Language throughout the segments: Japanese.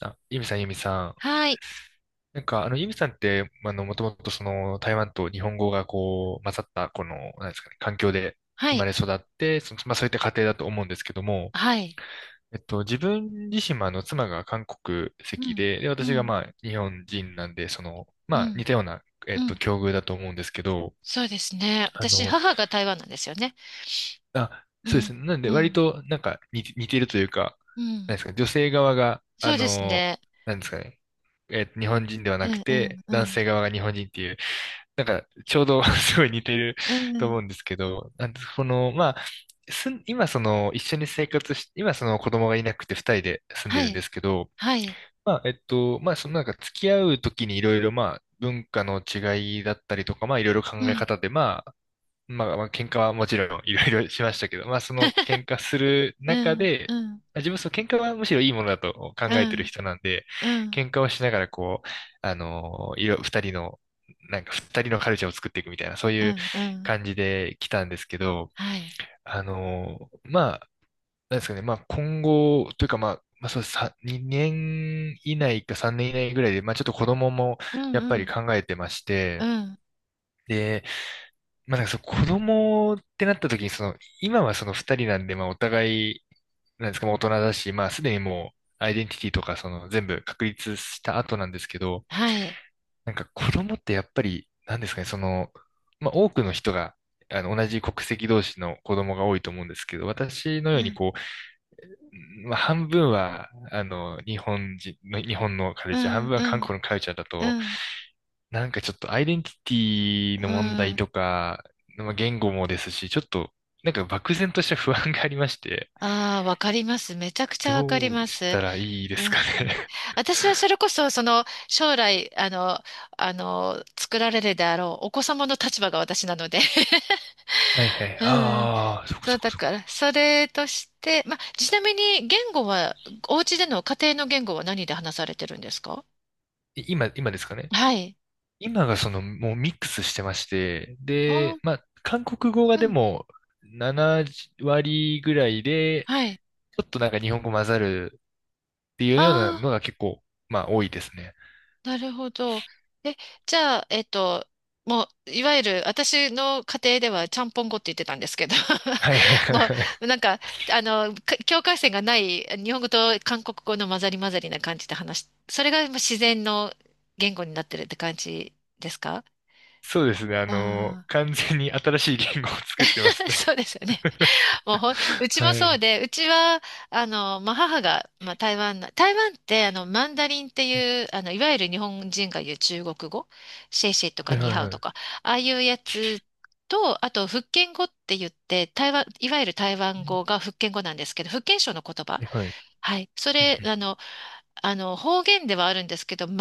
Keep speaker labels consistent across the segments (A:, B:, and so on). A: あ、ユミさん、ユミさん。
B: はい、
A: ユミさんって、まあの、もともと台湾と日本語が混ざった、なんですかね、環境で
B: は
A: 生ま
B: い、
A: れ育って、そういった家庭だと思うんですけども、
B: はい。
A: 自分自身も、妻が韓国
B: う
A: 籍
B: ん、
A: で、で、
B: う
A: 私が、
B: ん、
A: 日本人なんで、
B: う
A: 似
B: ん、
A: たような、
B: うん。
A: 境遇だと思うんですけど、
B: そうですね。
A: あ
B: 私、
A: の、
B: 母が台湾なんですよね。
A: あ、
B: う
A: そうで
B: ん、
A: すね。なんで、
B: う
A: 割
B: ん、
A: と、似てるというか、
B: う
A: な
B: ん。
A: んですかね、女性側が、
B: そうですね。
A: なんですかね、日本人では
B: う
A: なく
B: ん、うん、
A: て、男
B: う
A: 性側が日本人っていう、ちょうど すごい似てる
B: ん、う
A: と
B: ん。
A: 思うんですけど、なんで、この、まあ、すん、今、一緒に生活し、今、その子供がいなくて二人で住んで
B: は
A: るん
B: い、
A: ですけど、
B: はい、
A: なんか付き合うときにいろいろ、文化の違いだったりとか、いろいろ考
B: う
A: え
B: ん。
A: 方で、喧嘩はもちろんいろいろしましたけど、その喧嘩する
B: う
A: 中
B: ん、
A: で、
B: うん、
A: 自分はその喧嘩はむしろいいものだと考
B: う
A: えてる
B: ん、
A: 人なんで、
B: うん、
A: 喧嘩をしながらこう、あのーいろ、二人の、二人のカルチャーを作っていくみたいな、そう
B: う
A: いう
B: ん、うん、
A: 感じで来たんですけど、
B: はい。
A: あのーまあ、なんですかね、今後というかまあ、まあそうさ、2年以内か3年以内ぐらいで、ちょっと子供も
B: うん、
A: やっ
B: う
A: ぱり
B: ん、
A: 考えてまし
B: う
A: て、
B: ん、
A: で、その子供ってなった時に、今はその二人なんで、お互い、なんですか、大人だし、すでにもう、アイデンティティとか、その全部確立した後なんですけど、
B: はい。
A: 子供ってやっぱり、なんですかね、その、多くの人が、同じ国籍同士の子供が多いと思うんですけど、私の
B: う
A: ように
B: ん、
A: こう、半分は、日本人の、日本のカ
B: う
A: ルチャー、半
B: ん、
A: 分
B: う
A: は韓
B: ん、
A: 国のカルチャーだ
B: う
A: と、
B: ん、
A: ちょっとアイデンティティの
B: う
A: 問題
B: ん。
A: とか、言語もですし、ちょっとなんか漠然とした不安がありまして、
B: ああ、わかります。めちゃくちゃわかり
A: ど
B: ま
A: うし
B: す。
A: たらいいで
B: う
A: す
B: ん
A: かね。
B: 私はそれこそ、その、将来、作られるであろう、お子様の立場が私なので。
A: はいはい。
B: うん。
A: ああ、そこ
B: そ
A: そ
B: う、
A: こ
B: だ
A: そ
B: か
A: こ。
B: ら、それとして、ま、ちなみに、言語は、お家での家庭の言語は何で話されてるんですか？
A: 今ですかね。
B: はい。
A: 今がそのもうミックスしてまして、
B: あ、
A: で、韓国語が
B: う
A: で
B: ん。
A: も7割ぐらいで、
B: はい。
A: ちょっとなんか日本語混ざるってい
B: あ
A: うようなの
B: あ。
A: が結構、多いですね。
B: なるほど。え、じゃあ、もう、いわゆる、私の家庭では、ちゃんぽん語って言ってたんですけど、
A: はい
B: も
A: はい。
B: う、なんか、境界線がない、日本語と韓国語の混ざり混ざりな感じで話し、それがもう自然の言語になってるって感じですか？
A: そうですね。
B: ああ
A: 完全に新しい言語を作ってます
B: ー。
A: ね。
B: そうですよね。もうほん、う ち
A: は
B: もそう
A: い。
B: で、うちは、まあ、母が、まあ、台湾って、マンダリンっていう、いわゆる日本人が言う中国語、シェイシェイと
A: は
B: か
A: い
B: ニー
A: はい
B: ハオ
A: は
B: とか、
A: い。
B: ああいうやつと、あと、福建語って言って、いわゆる台湾語が福建語なんですけど、福建省の言葉。
A: はいはい。
B: はい。そ
A: うん
B: れ、方言ではあるんですけど、全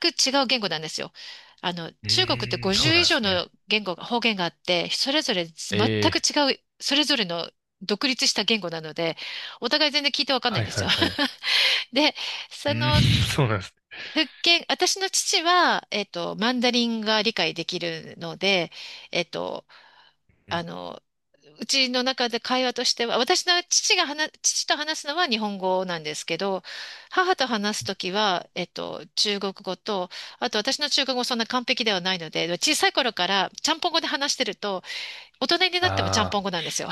B: く違う言語なんですよ。
A: うんう
B: 中国って
A: ーん、そう
B: 50
A: な
B: 以
A: んで
B: 上
A: す
B: の
A: ね。
B: 言語が、方言があって、それぞれ全
A: え
B: く
A: え、
B: 違う、それぞれの独立した言語なので、お互い全然聞いてわかんない
A: は
B: ん
A: い
B: です
A: はい
B: よ。
A: はい。
B: で、そ
A: うーん、
B: の、
A: そうなんです
B: 私の父は、マンダリンが理解できるので、えっと、あ
A: ね。
B: の、うちの中で会話としては、私の父が話、父と話すのは日本語なんですけど、母と話すときは、中国語と、あと私の中国語そんな完璧ではないので、小さい頃からちゃんぽん語で話してると、大人になってもちゃんぽん
A: ああ
B: 語なんですよ。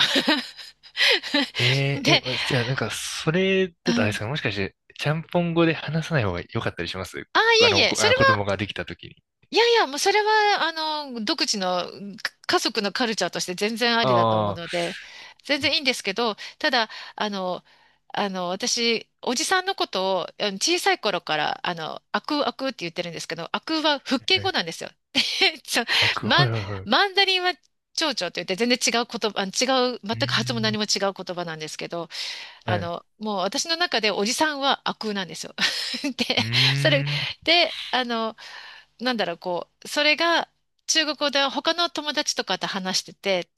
A: ー、ええ、え、
B: で、
A: じゃあそれ
B: う
A: だとあれです
B: ん。
A: か、もしかして、ちゃんぽん語で話さない方が良かったりします
B: ああ、いえいえ、それ。
A: 子供ができた時に。
B: いやいや、もうそれは、独自の家族のカルチャーとして全然あ
A: あ
B: りだと思う
A: あ、
B: ので、全然いいんですけど、ただ、あの、私、おじさんのことを、小さい頃から、あくあくって言ってるんですけど、あくは福建
A: は
B: 語
A: い
B: なんですよ。でちょ、
A: は
B: マン、
A: いはいはい。う
B: マンダリンは蝶々って言って、全然違う言葉、あの違う、全
A: ー
B: く発音も
A: ん、
B: 何も違う言葉なんですけど、
A: はい。
B: もう私の中でおじさんはあくなんですよ。で、
A: うー
B: それ、
A: ん。
B: で、なんだろう、こう、それが中国語で他の友達とかと話してて、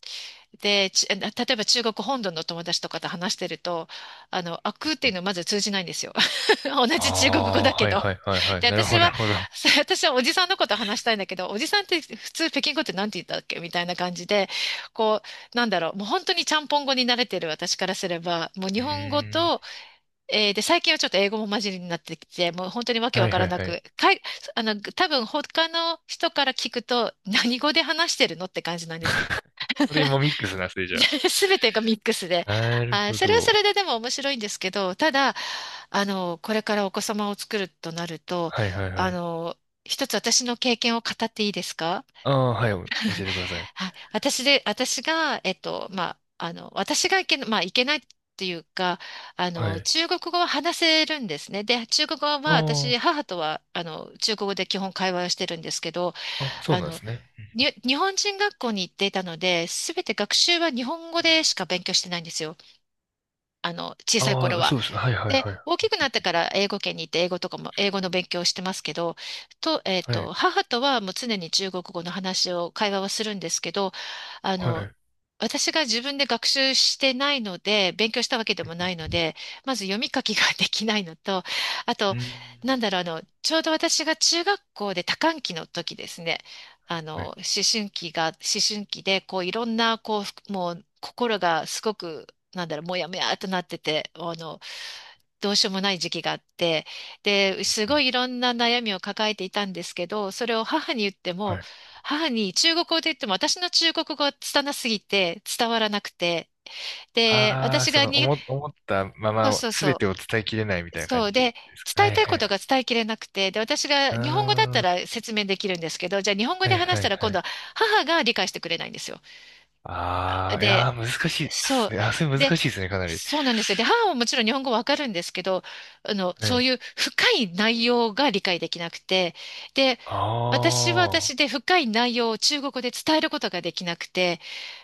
B: で、例えば中国本土の友達とかと話してると、あくっていうのまず通じないんですよ。同
A: あ
B: じ中国語
A: あ、
B: だけ
A: はい
B: ど。
A: はいはいは
B: で、
A: い。なるほ
B: 私
A: どな
B: は、
A: るほど。
B: 私はおじさんのこと話したいんだけど、おじさんって普通北京語って何て言ったっけみたいな感じで、こう、なんだろう、もう本当にちゃんぽん語に慣れてる私からすれば、もう日
A: うー
B: 本語
A: ん。
B: とで、最近はちょっと英語も混じりになってきて、もう本当にわけ
A: は
B: わ
A: い
B: か
A: は
B: ら
A: い
B: な
A: はい。
B: く、多分他の人から聞くと、何語で話してるのって感じなんですけど、
A: これ今ミックスなんですね、じゃ
B: すべてがミックスで、
A: あ。なる
B: あー、
A: ほ
B: それはそ
A: ど。
B: れででも面白いんですけど、ただ、これからお子様を作るとなると、
A: はいはいは
B: あ
A: い。
B: の、一つ私の経験を語っていいですか？
A: ああ、はい、教えてください。
B: はい、私が、まあ、私がいけな、まあ、いけないっていうか、
A: はい。
B: 中国語は話せるんですね。で、中国語は私、
A: あ
B: 母とは、中国語で基本会話をしてるんですけど、
A: あ、あ、そう
B: あ
A: なんで
B: の、
A: すね。
B: 日本人学校に行っていたので、すべて学習は日本
A: は
B: 語
A: い。
B: でしか勉強してないんですよ。小さい頃
A: ああ、
B: は。
A: そうですね。はいはい
B: で、
A: はい。
B: 大きくなってから英語圏に行って、英語とかも、英語の勉強をしてますけど、と、えっ
A: はい。
B: と、母とはもう常に中国語の会話をするんですけど、あ
A: は
B: の、
A: い。
B: 私が自分で学習してないので、勉強したわけで
A: うん
B: もないの
A: うん。
B: で、まず読み書きができないのと、あ
A: う
B: と、
A: ーん
B: なんだろう、ちょうど私が中学校で多感期の時ですね、あ
A: は
B: の、
A: い。
B: 思思春期で、こう、いろんな、こう、もう、心がすごく、なんだろう、もやもやっとなってて、どうしようもない時期があって、で、す
A: うんう
B: ごいい
A: ん
B: ろんな悩みを抱えていたんですけど、それを母に言って
A: は
B: も、
A: い。
B: 母に中国語で言っても私の中国語が拙すぎて伝わらなくて。で、
A: ああ、
B: 私
A: そ
B: が
A: の、
B: に、
A: 思ったま
B: そう
A: ま、
B: そう
A: す
B: そ
A: べてを伝えきれないみ
B: う。
A: たいな
B: そ
A: 感
B: う
A: じで
B: で、
A: すか。は
B: 伝え
A: い
B: たい
A: は
B: こと
A: い。
B: が伝えきれなくて、で、私が
A: あ
B: 日本語だっ
A: あ、
B: た
A: は
B: ら説明できるんですけど、じゃあ日本語
A: いは
B: で
A: い
B: 話
A: は
B: したら今度
A: い。
B: は母が理解してくれないんですよ。
A: ああ、いや
B: で、
A: ー、難しいで
B: そ
A: す
B: う。
A: ね。あ、それ
B: で、
A: 難しいですね、かなり。
B: そうなんですよ。で、母はもちろん日本語わかるんですけど、
A: は
B: そう
A: い。
B: いう深い内容が理解できなくて、で、私は
A: ああ、
B: 私で深い内容を中国語で伝えることができなくて、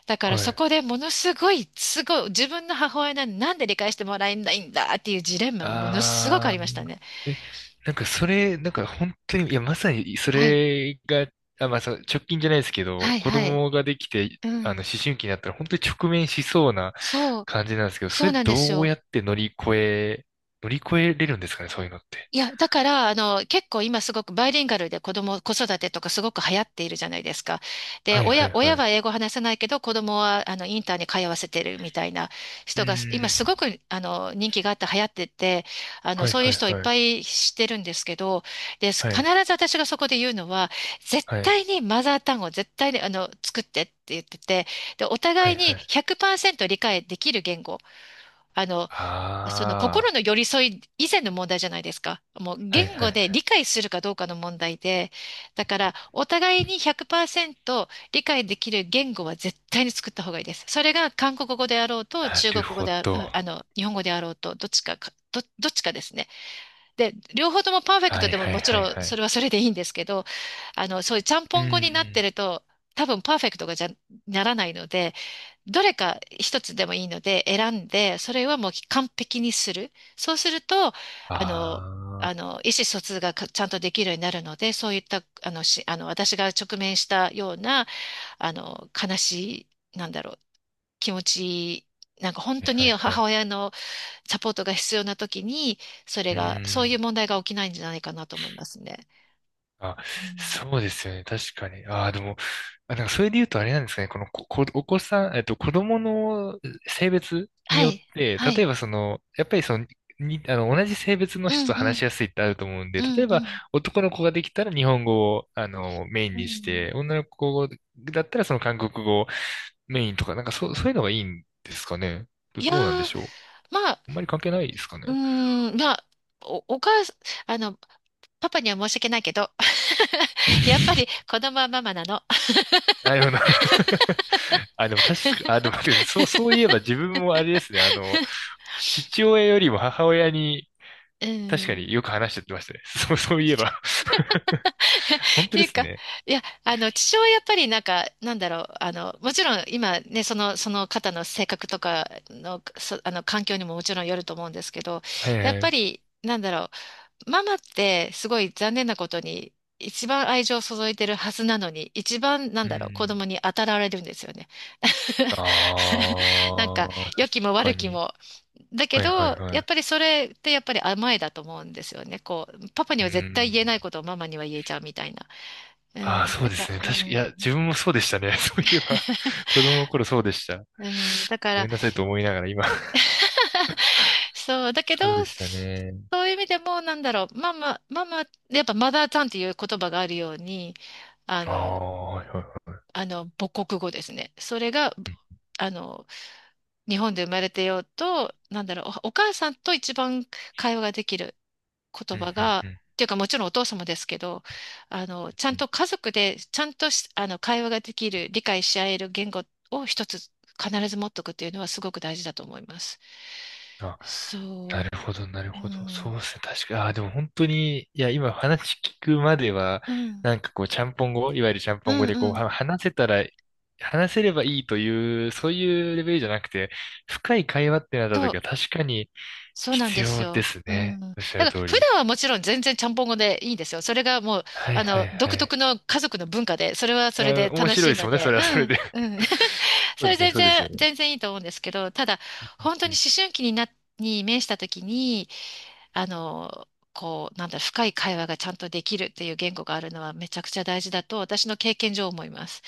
B: だから
A: は
B: そ
A: い。
B: こでものすごい、すごい、自分の母親なんで、なんで理解してもらえないんだっていうジレンマがものすごくあ
A: あ
B: り
A: あ
B: ましたね。
A: え、なんかそれ、なんか本当に、いや、まさにそ
B: はい。
A: れが、あ、直近じゃないですけ
B: は
A: ど、
B: い、
A: 子
B: はい。
A: 供ができて、
B: う
A: 思
B: ん。
A: 春期になったら本当に直面しそうな
B: そう、
A: 感じなんですけど、そ
B: そう
A: れ
B: なんです
A: どう
B: よ。
A: やって乗り越えれるんですかね、そういうのって。
B: いや、だから、結構今すごくバイリンガルで子育てとかすごく流行っているじゃないですか。で、
A: はいはいはい。
B: 親は
A: う
B: 英語話せないけど、子供は、インターに通わせてるみたいな
A: ー
B: 人が、今
A: ん。
B: すごく、人気があって流行ってて、
A: はい
B: そういう
A: はい
B: 人をいっ
A: は
B: ぱ
A: い。
B: い知ってるんですけど、で、
A: は
B: 必
A: い。
B: ず私がそこで言うのは、絶
A: はい。
B: 対にマザー単語、絶対に、作ってって言ってて、で、お
A: は
B: 互
A: い
B: い
A: は
B: に
A: い。
B: 100%理解できる言語、あの、その心
A: あ
B: の寄り添い以前の問題じゃないですか。もう
A: あ。はい
B: 言
A: はい
B: 語
A: は
B: で理
A: い。
B: 解するかどうかの問題で、だからお互いに100%理解できる言語は絶対に作った方がいいです。それが韓国語であろうと、
A: な
B: 中
A: る
B: 国語
A: ほ
B: であ、う
A: ど。
B: ん日本語であろうと、どっちかですね。で、両方ともパーフェク
A: は
B: ト
A: い
B: でも
A: はい
B: もち
A: はい
B: ろん
A: は
B: それ
A: い。
B: はそれでいいんですけど、そういうちゃん
A: うー
B: ぽん語になって
A: ん。
B: ると、多分パーフェクトがじゃ、ならないので、どれか一つでもいいので選んで、それはもう完璧にする。そうすると、の、
A: ああ。は
B: 意思疎通がちゃんとできるようになるので、そういった、あの、し、あの、私が直面したような、悲しい、なんだろう、気持ち、なんか本
A: い
B: 当
A: は
B: に
A: いは
B: 母
A: い。
B: 親のサポートが必要な時に、それ
A: うー
B: が、そういう
A: ん。
B: 問題が起きないんじゃないかなと思いますね。
A: あ、そうですよね。確かに。ああ、でも、あ、それで言うとあれなんですかね。このこ、こお子さん、子供の性別に
B: は
A: よっ
B: い、
A: て、
B: は
A: 例え
B: い。
A: ばその、やっぱりその、に、あの、同じ性別の
B: う
A: 人
B: ん
A: と
B: う
A: 話
B: ん、
A: しやすいってあると思うん
B: う
A: で、例
B: ん
A: え
B: う
A: ば
B: ん。
A: 男の子ができたら日本語を、メイン
B: う
A: にし
B: ん、
A: て、女の子だったらその韓国語をメインとか、そういうのがいいんですかね。
B: いや
A: どうなんで
B: ー、
A: しょう。
B: まあ、
A: あんまり関係ないですかね。
B: うーん、まあ、お、お母さん、あの、パパには申し訳ないけど、やっぱり子供はママなの。
A: なるほど。あ、でもあ、でも待ってくださいそういえば自分もあれですね、父親よりも母親に
B: う
A: 確か
B: ん。
A: によく話しちゃってましたね。そう、そういえば 本
B: っ
A: 当
B: てい
A: で
B: う
A: す
B: か、
A: ね。
B: 父親はやっぱりもちろん今ね、その方の性格とかの、環境にももちろんよると思うんですけど、
A: はい
B: やっ
A: は
B: ぱ
A: い。
B: り、ママってすごい残念なことに一番愛情を注いでるはずなのに一番
A: う
B: 子
A: ん。
B: 供に当たられるんですよね。
A: あ
B: なんか
A: あ、確
B: 良きも悪
A: か
B: き
A: に。
B: も。だけ
A: はい
B: ど
A: はいは
B: やっ
A: い。
B: ぱりそれってやっぱり甘えだと思うんですよね。こうパパに
A: う
B: は絶対
A: ん。
B: 言えないことをママには言えちゃうみたいな。う
A: ああ、
B: ん、
A: そう
B: だ
A: で
B: か
A: す
B: ら、
A: ね。いや、
B: うん、
A: 自分もそうでしたね。そういえば、子供の頃そうでした。
B: うん、だか
A: ご
B: ら
A: めんなさいと思いながら今。
B: そう、だけど
A: そうでしたね。
B: そういう意味でもママママ、やっぱマザーちゃんっていう言葉があるように。あ
A: あ
B: の
A: あ、はいはいは
B: 母国語ですね。それが、
A: い。うん、
B: あの、日本で生まれてようと、お、お母さんと一番会話ができる
A: う
B: 言
A: ん、う
B: 葉
A: ん、
B: が、
A: う
B: っていうかもちろんお父様ですけど、ちゃ
A: ん。
B: んと家族で、ちゃんとし会話ができる、理解し合える言語を一つ必ず持っとくっていうのはすごく大事だと思います。
A: あな
B: そ
A: るほど、なる
B: う。う
A: ほど。そう
B: ん。
A: ですね。確かに。ああ、でも本当に、いや、今話聞くまでは、
B: うん。
A: ちゃんぽん語、いわゆるちゃん
B: う
A: ぽん語
B: ん
A: で
B: うん。
A: 話せたら、話せればいいという、そういうレベルじゃなくて、深い会話ってなった
B: そう、
A: 時は確かに
B: そうなん
A: 必
B: です
A: 要で
B: よ。
A: す
B: うん。
A: ね。
B: だ
A: おっしゃ
B: か
A: る
B: ら
A: 通
B: 普
A: り。
B: 段はもちろん全然ちゃんぽん語でいいんですよ。それがもう、
A: はいはいは
B: 独
A: い。
B: 特の家族の文化で、それはそれ
A: え
B: で
A: ー面
B: 楽
A: 白い
B: しい
A: です
B: の
A: もんね。そ
B: で、
A: れ
B: う
A: はそれ
B: ん、
A: で。
B: う ん。そ
A: そうで
B: れ、
A: すね、そうですよね。
B: 全然いいと思うんですけど、ただ、本当
A: う
B: に
A: ん。
B: 思春期にな、に面した時に、あの、こう、なんだ、深い会話がちゃんとできるっていう言語があるのはめちゃくちゃ大事だと、私の経験上思います。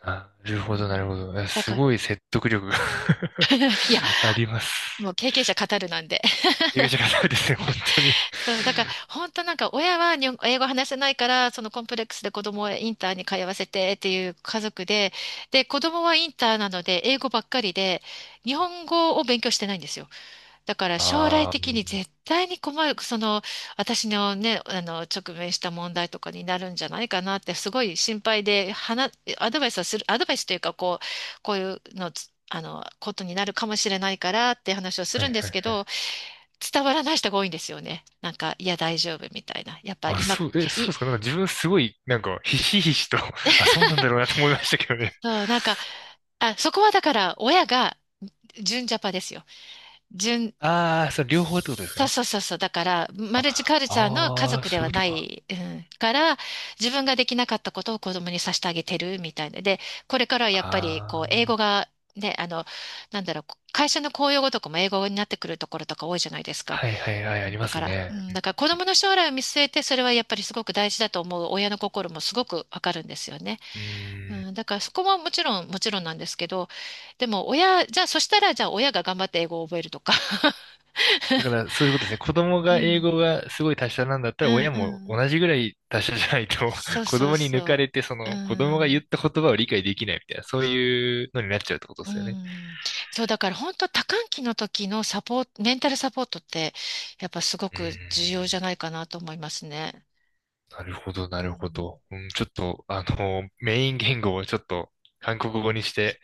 A: あ、なる
B: う
A: ほど、なる
B: ん、
A: ほど。え
B: だ
A: す
B: から、
A: ごい説得力が
B: いや、
A: ありま
B: も
A: す。
B: う経験者語るなんで。
A: 怪我し方ですね、本当に。
B: そう、だから本当なんか親は日本英語話せないからそのコンプレックスで子供をインターに通わせてっていう家族で、で子供はインターなので英語ばっかりで日本語を勉強してないんですよ。だから将来
A: ああ、
B: 的に絶対に困る、その私のね、あの直面した問題とかになるんじゃないかなってすごい心配で、アドバイスをする、アドバイスというかこう、こういうのつ、あのことになるかもしれないからって話をす
A: はい
B: るんで
A: は
B: すけ
A: い。
B: ど、伝わらない人が多いんですよね。なんか、いや、大丈夫みたいな。やっぱ
A: あ、
B: 今、
A: そう
B: い、
A: ですか。自分すごい、ひしひしと あ、そうなんだろうなと思いましたけどね。
B: そう、あ、そこはだから、親が純ジャパですよ。純、
A: ああ、そう、両方ってことですか
B: そう
A: ね。
B: そうそうそう。だから、マルチ
A: あ、
B: カルチャーの家
A: ああ、
B: 族で
A: そういう
B: は
A: こと
B: な
A: か。
B: い、うん、から、自分ができなかったことを子供にさせてあげてるみたいな。で、これからはやっぱり、
A: あ
B: こ
A: あ、
B: う、英語が、ね、なんだろう、会社の公用語とかも英語になってくるところとか多いじゃないですか。
A: はいはいはい、ありま
B: だか
A: す
B: ら、う
A: ね。
B: ん、だから子供の将来を見据えて、それはやっぱりすごく大事だと思う親の心もすごくわかるんですよね。
A: う
B: う
A: ん。
B: ん、だからそこはもちろん、もちろんなんですけど、でも親、じゃあそしたら、じゃあ親が頑張って英語を覚えるとか。
A: だか ら、そういうことですね。子供
B: う
A: が英
B: ん、
A: 語がすごい達者なんだっ
B: う
A: たら、
B: ん、
A: 親
B: う
A: も
B: ん。
A: 同じぐらい達者じゃないと
B: そ う
A: 子
B: そう
A: 供に抜か
B: そ
A: れて、そ
B: う。う
A: の、子供が言
B: ん、
A: った言葉を理解できないみたいな、そういうのになっちゃうってことで
B: う
A: すよね。
B: ん。そう、だから本当多感期の時のサポート、メンタルサポートって、やっぱすご
A: うー
B: く
A: ん。
B: 重要じゃないかなと思いますね。
A: なるほど、
B: うん、
A: なるほど。うん、ちょっと、メイン言語をちょっと韓国語にして、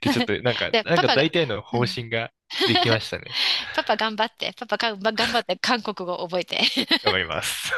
A: で、ちょっ と、なんか、
B: で、
A: なん
B: パ
A: か
B: パが、
A: 大体の
B: う
A: 方
B: ん
A: 針ができました ね。
B: パパ頑張って、パパがんば頑張って韓国語覚えて。
A: 頑張ります。